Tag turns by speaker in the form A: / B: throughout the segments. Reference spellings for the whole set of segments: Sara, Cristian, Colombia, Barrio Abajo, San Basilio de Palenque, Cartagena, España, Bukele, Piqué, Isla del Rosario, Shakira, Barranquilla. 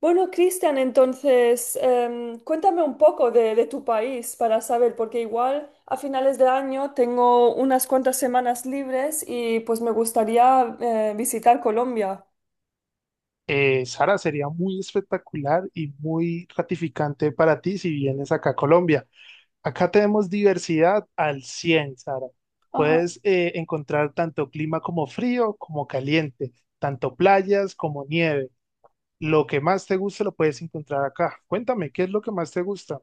A: Bueno, Cristian, entonces, cuéntame un poco de tu país para saber, porque igual a finales de año tengo unas cuantas semanas libres y pues me gustaría visitar Colombia.
B: Sara, sería muy espectacular y muy gratificante para ti si vienes acá a Colombia. Acá tenemos diversidad al 100, Sara. Puedes encontrar tanto clima como frío, como caliente, tanto playas como nieve. Lo que más te guste lo puedes encontrar acá. Cuéntame, ¿qué es lo que más te gusta?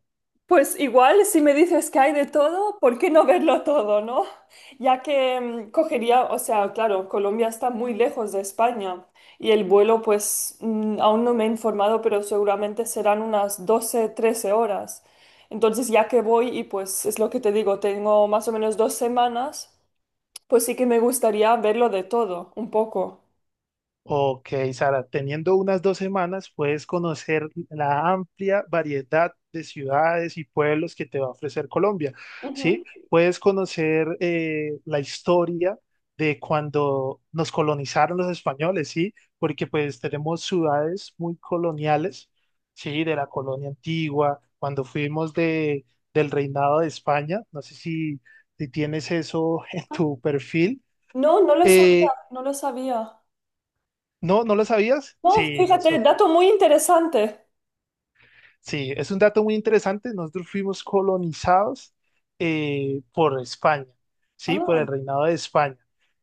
A: Pues igual, si me dices que hay de todo, ¿por qué no verlo todo, no? Ya que cogería, o sea, claro, Colombia está muy lejos de España y el vuelo, pues aún no me he informado, pero seguramente serán unas 12, 13 horas. Entonces, ya que voy y pues es lo que te digo, tengo más o menos 2 semanas, pues sí que me gustaría verlo de todo, un poco.
B: Ok, Sara, teniendo unas 2 semanas puedes conocer la amplia variedad de ciudades y pueblos que te va a ofrecer Colombia,
A: Ujú.
B: ¿sí? Puedes conocer la historia de cuando nos colonizaron los españoles, ¿sí? Porque pues tenemos ciudades muy coloniales, ¿sí? De la colonia antigua, cuando fuimos del reinado de España, no sé si tienes eso en tu perfil.
A: No, no lo sabía,
B: Eh,
A: no lo sabía.
B: ¿No, no lo sabías?
A: No,
B: Sí,
A: fíjate,
B: nosotros.
A: dato muy interesante.
B: Sí, es un dato muy interesante. Nosotros fuimos colonizados por España, ¿sí? Por el
A: Ah,
B: reinado de España.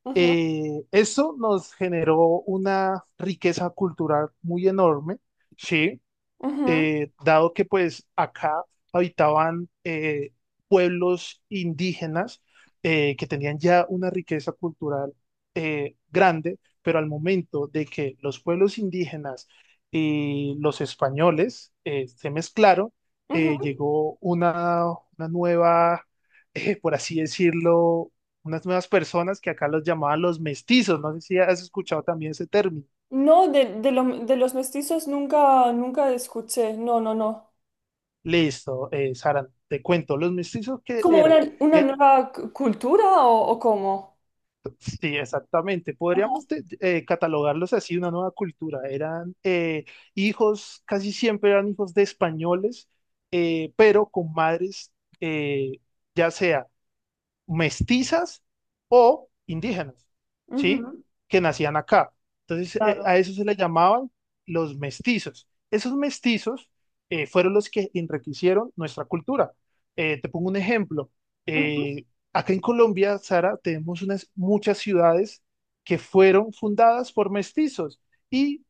A: ujú,
B: Esto nos generó una riqueza cultural muy enorme, ¿sí?
A: ujú.
B: Dado que pues acá habitaban pueblos indígenas que tenían ya una riqueza cultural grande, pero al momento de que los pueblos indígenas y los españoles se mezclaron,
A: Ujú.
B: llegó una nueva, por así decirlo, unas nuevas personas que acá los llamaban los mestizos. No sé si has escuchado también ese término.
A: No, de los mestizos nunca, nunca escuché. No, no, no.
B: Listo, Sara, te cuento, los mestizos que
A: ¿Como
B: eran,
A: una
B: eh,
A: nueva cultura o cómo?
B: sí, exactamente,
A: Ajá.
B: podríamos catalogarlos así, una nueva cultura, eran hijos, casi siempre eran hijos de españoles, pero con madres, eh, ya sea mestizas o indígenas, ¿sí?
A: Ujú.
B: Que nacían acá. Entonces,
A: Claro.
B: a eso se le llamaban los mestizos. Esos mestizos fueron los que enriquecieron nuestra cultura. Te pongo un ejemplo.
A: Ujú.
B: Eh, Acá en Colombia, Sara, tenemos unas, muchas ciudades que fueron fundadas por mestizos. Y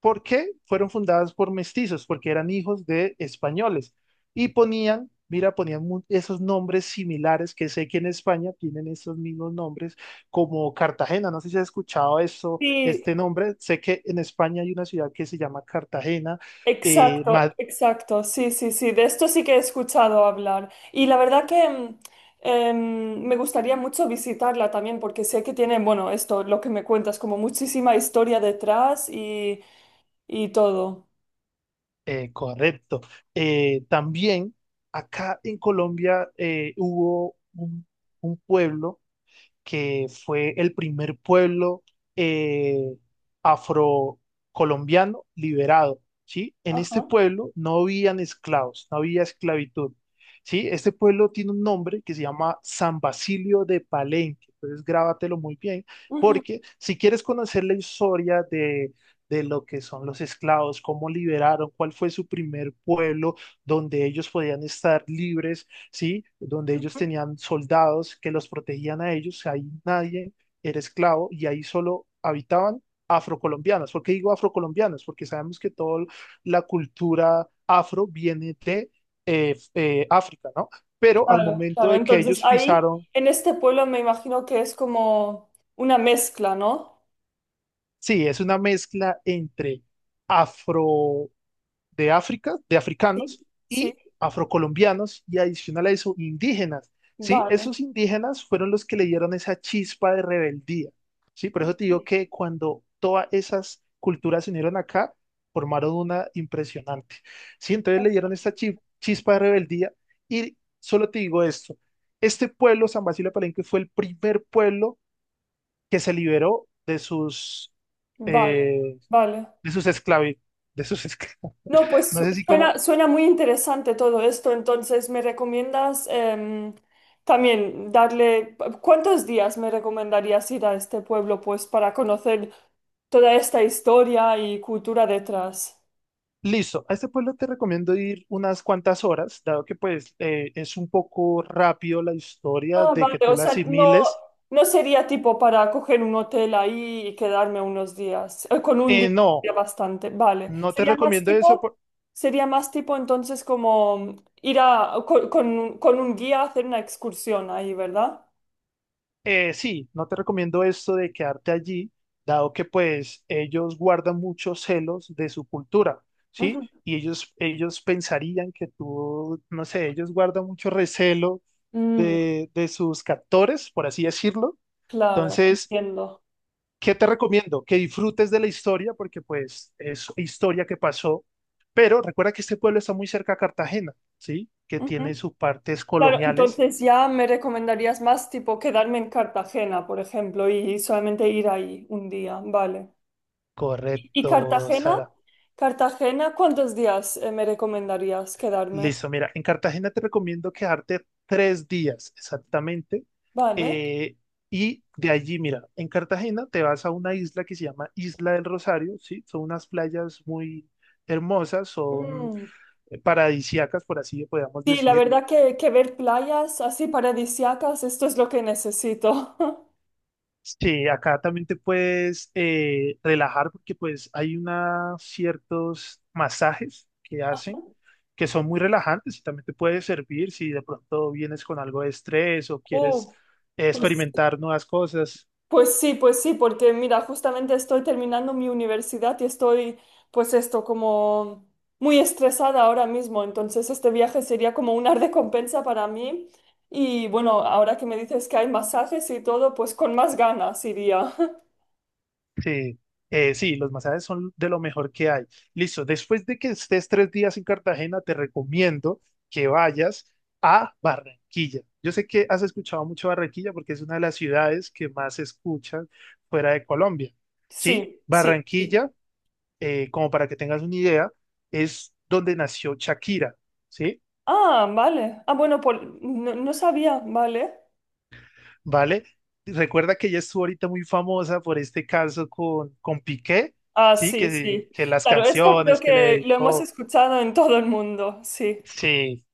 B: ¿por qué fueron fundadas por mestizos? Porque eran hijos de españoles y ponían, mira, esos nombres similares que sé que en España tienen esos mismos nombres, como Cartagena. No sé si has escuchado eso,
A: Sí,
B: este nombre. Sé que en España hay una ciudad que se llama Cartagena. eh,
A: exacto,
B: Ma-
A: exacto. Sí, sí, sí. De esto sí que he escuchado hablar. Y la verdad que me gustaría mucho visitarla también porque sé que tiene, bueno, esto, lo que me cuentas, como muchísima historia detrás y todo.
B: Correcto. También acá en Colombia hubo un pueblo que fue el primer pueblo eh, afrocolombiano liberado, ¿sí? En este
A: Ajá.
B: pueblo no habían esclavos, no había esclavitud, ¿sí? Este pueblo tiene un nombre que se llama San Basilio de Palenque, entonces grábatelo muy bien,
A: Ujú.
B: porque si quieres conocer la historia de... De lo que son los esclavos, cómo liberaron, cuál fue su primer pueblo donde ellos podían estar libres, ¿sí? Donde ellos
A: Ujú.
B: tenían soldados que los protegían a ellos, ahí nadie era esclavo y ahí solo habitaban afrocolombianos. ¿Por qué digo afrocolombianos? Porque sabemos que toda la cultura afro viene de África, ¿no? Pero al
A: Claro,
B: momento
A: claro.
B: de que
A: Entonces
B: ellos
A: ahí,
B: pisaron,
A: en este pueblo me imagino que es como una mezcla, ¿no?
B: sí, es una mezcla entre afro de África, de
A: Sí.
B: africanos
A: Sí,
B: y afrocolombianos y adicional a eso, indígenas, ¿sí?
A: vale.
B: Esos indígenas fueron los que le dieron esa chispa de rebeldía, ¿sí? Por eso te digo que cuando todas esas culturas se unieron acá, formaron una impresionante, ¿sí? Entonces le dieron esta chispa de rebeldía y solo te digo esto, este pueblo, San Basilio de Palenque, fue el primer pueblo que se liberó de sus,
A: Vale,
B: eh,
A: vale.
B: de sus de sus esclavos.
A: No, pues
B: No sé si como.
A: suena, suena muy interesante todo esto, entonces me recomiendas también darle, ¿cuántos días me recomendarías ir a este pueblo pues para conocer toda esta historia y cultura detrás?
B: Listo, a este pueblo te recomiendo ir unas cuantas horas, dado que pues es un poco rápido la historia
A: Ah,
B: de
A: vale,
B: que tú
A: o
B: la
A: sea, no,
B: asimiles.
A: no sería tipo para coger un hotel ahí y quedarme unos días. Con un día
B: No,
A: sería bastante, vale.
B: no te recomiendo eso,
A: Sería más tipo entonces como ir a, con un guía a hacer una excursión ahí, ¿verdad?
B: sí, no te recomiendo esto de quedarte allí, dado que pues ellos guardan muchos celos de su cultura, ¿sí?
A: Ujú.
B: Y ellos pensarían que tú, no sé, ellos guardan mucho recelo
A: Mm,
B: de sus captores, por así decirlo.
A: claro,
B: Entonces...
A: entiendo.
B: ¿Qué te recomiendo? Que disfrutes de la historia porque pues es historia que pasó, pero recuerda que este pueblo está muy cerca a Cartagena, ¿sí? Que
A: Ujú.
B: tiene sus partes
A: Claro,
B: coloniales.
A: entonces ya me recomendarías más tipo quedarme en Cartagena, por ejemplo, y solamente ir ahí un día, vale. ¿Y
B: Correcto,
A: Cartagena?
B: Sara.
A: Cartagena, ¿cuántos días me recomendarías quedarme?
B: Listo, mira, en Cartagena te recomiendo quedarte 3 días exactamente.
A: Vale.
B: eh, y de allí, mira, en Cartagena te vas a una isla que se llama Isla del Rosario, ¿sí? Son unas playas muy hermosas, son
A: Mm.
B: paradisíacas, por así podemos
A: Sí, la
B: decir.
A: verdad que ver playas así paradisíacas, esto es lo que necesito.
B: Sí, acá también te puedes relajar porque pues hay una, ciertos masajes que hacen que son muy relajantes y también te puede servir si de pronto vienes con algo de estrés o
A: Uh,
B: quieres
A: pues,
B: experimentar nuevas cosas.
A: pues sí, porque mira, justamente estoy terminando mi universidad y estoy, pues esto, como muy estresada ahora mismo. Entonces este viaje sería como una recompensa para mí. Y bueno, ahora que me dices que hay masajes y todo, pues con más ganas iría.
B: Sí, sí, los masajes son de lo mejor que hay. Listo, después de que estés 3 días en Cartagena, te recomiendo que vayas a Barranquilla. Yo sé que has escuchado mucho Barranquilla porque es una de las ciudades que más se escuchan fuera de Colombia. Sí,
A: Sí, sí, sí.
B: Barranquilla, como para que tengas una idea, es donde nació Shakira, ¿sí?
A: Ah, vale. Ah, bueno, no, no sabía, vale.
B: ¿Vale? Recuerda que ella estuvo ahorita muy famosa por este caso con Piqué,
A: Ah,
B: ¿sí?
A: sí, sí.
B: Que las
A: Claro, esto creo
B: canciones que le
A: que lo hemos
B: dedicó.
A: escuchado en todo el mundo, sí.
B: Sí,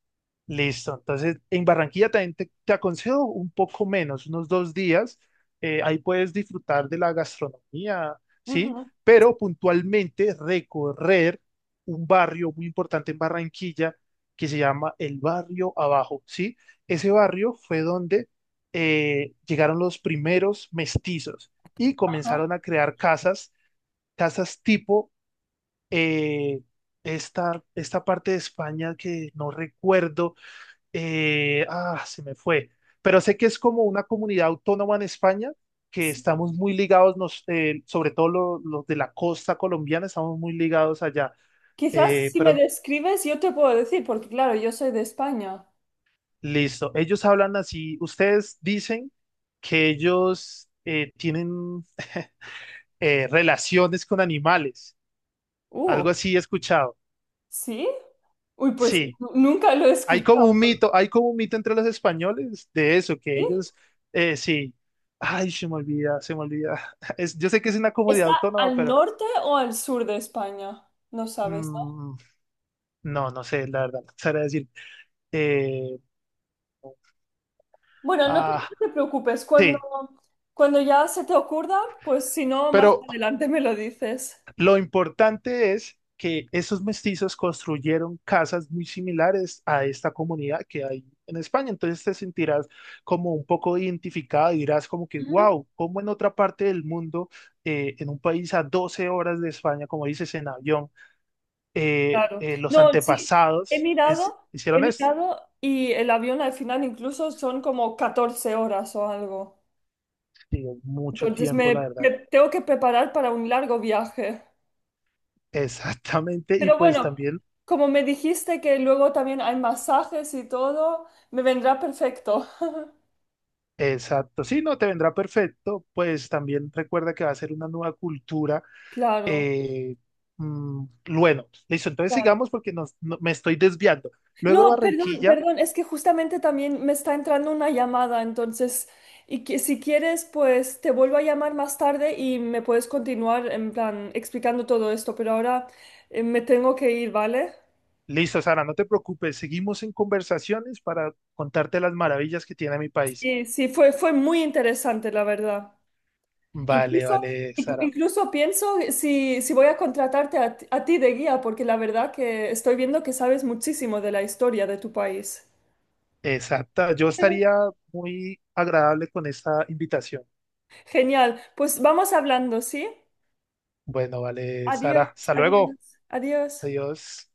B: listo. Entonces, en Barranquilla también te aconsejo un poco menos, unos 2 días. Ahí puedes disfrutar de la gastronomía, ¿sí?
A: Ujú,
B: Pero puntualmente recorrer un barrio muy importante en Barranquilla que se llama el Barrio Abajo, ¿sí? Ese barrio fue donde llegaron los primeros mestizos y
A: ajá,
B: comenzaron a crear casas, casas tipo eh, esta parte de España que no recuerdo se me fue. Pero sé que es como una comunidad autónoma en España, que
A: sí.
B: estamos muy ligados, sobre todo los de la costa colombiana, estamos muy ligados allá.
A: Quizás si me
B: Pero
A: describes yo te puedo decir, porque claro, yo soy de España.
B: listo, ellos hablan así, ustedes dicen que ellos tienen relaciones con animales,
A: Uh,
B: algo así he escuchado.
A: ¿Sí? Uy, pues
B: Sí.
A: nunca lo he
B: Hay
A: escuchado,
B: como un mito, hay como un mito entre los españoles de eso, que
A: ¿sí?
B: ellos, sí, ay, se me olvida, se me olvida. Es, yo sé que es una comunidad
A: ¿Está
B: autónoma,
A: al
B: pero
A: norte o al sur de España? No sabes.
B: mm, no, no sé, la verdad, no sabría decir. Eh,
A: Bueno,
B: ah,
A: no te preocupes, cuando,
B: sí,
A: cuando ya se te ocurra, pues si no, más
B: pero
A: adelante me lo dices.
B: lo importante es que esos mestizos construyeron casas muy similares a esta comunidad que hay en España. Entonces te sentirás como un poco identificado y dirás como que,
A: Ujú.
B: wow, como en otra parte del mundo, en un país a 12 horas de España, como dices en avión,
A: Claro.
B: los
A: No, sí,
B: antepasados
A: he
B: hicieron esto.
A: mirado y el avión al final incluso son como 14 horas o algo.
B: Sí, mucho
A: Entonces
B: tiempo, la
A: me
B: verdad.
A: tengo que preparar para un largo viaje.
B: Exactamente. Y
A: Pero
B: pues
A: bueno,
B: también...
A: como me dijiste que luego también hay masajes y todo, me vendrá perfecto.
B: Exacto, sí, no, te vendrá perfecto, pues también recuerda que va a ser una nueva cultura.
A: Claro,
B: Eh, mm, bueno, listo, entonces
A: claro.
B: sigamos porque me estoy desviando. Luego
A: No, perdón,
B: Barranquilla,
A: perdón, es que justamente también me está entrando una llamada, entonces, y que si quieres, pues te vuelvo a llamar más tarde y me puedes continuar en plan explicando todo esto, pero ahora me tengo que ir, ¿vale?
B: listo, Sara, no te preocupes, seguimos en conversaciones para contarte las maravillas que tiene mi país.
A: Sí, fue, fue muy interesante, la verdad.
B: Vale,
A: Incluso,
B: vale, Sara.
A: incluso pienso si, si voy a contratarte ti a ti de guía, porque la verdad que estoy viendo que sabes muchísimo de la historia de tu país.
B: Exacta, yo estaría muy agradable con esta invitación.
A: Genial, pues vamos hablando, ¿sí?
B: Bueno, vale, Sara,
A: Adiós,
B: hasta luego.
A: adiós, adiós.
B: Adiós.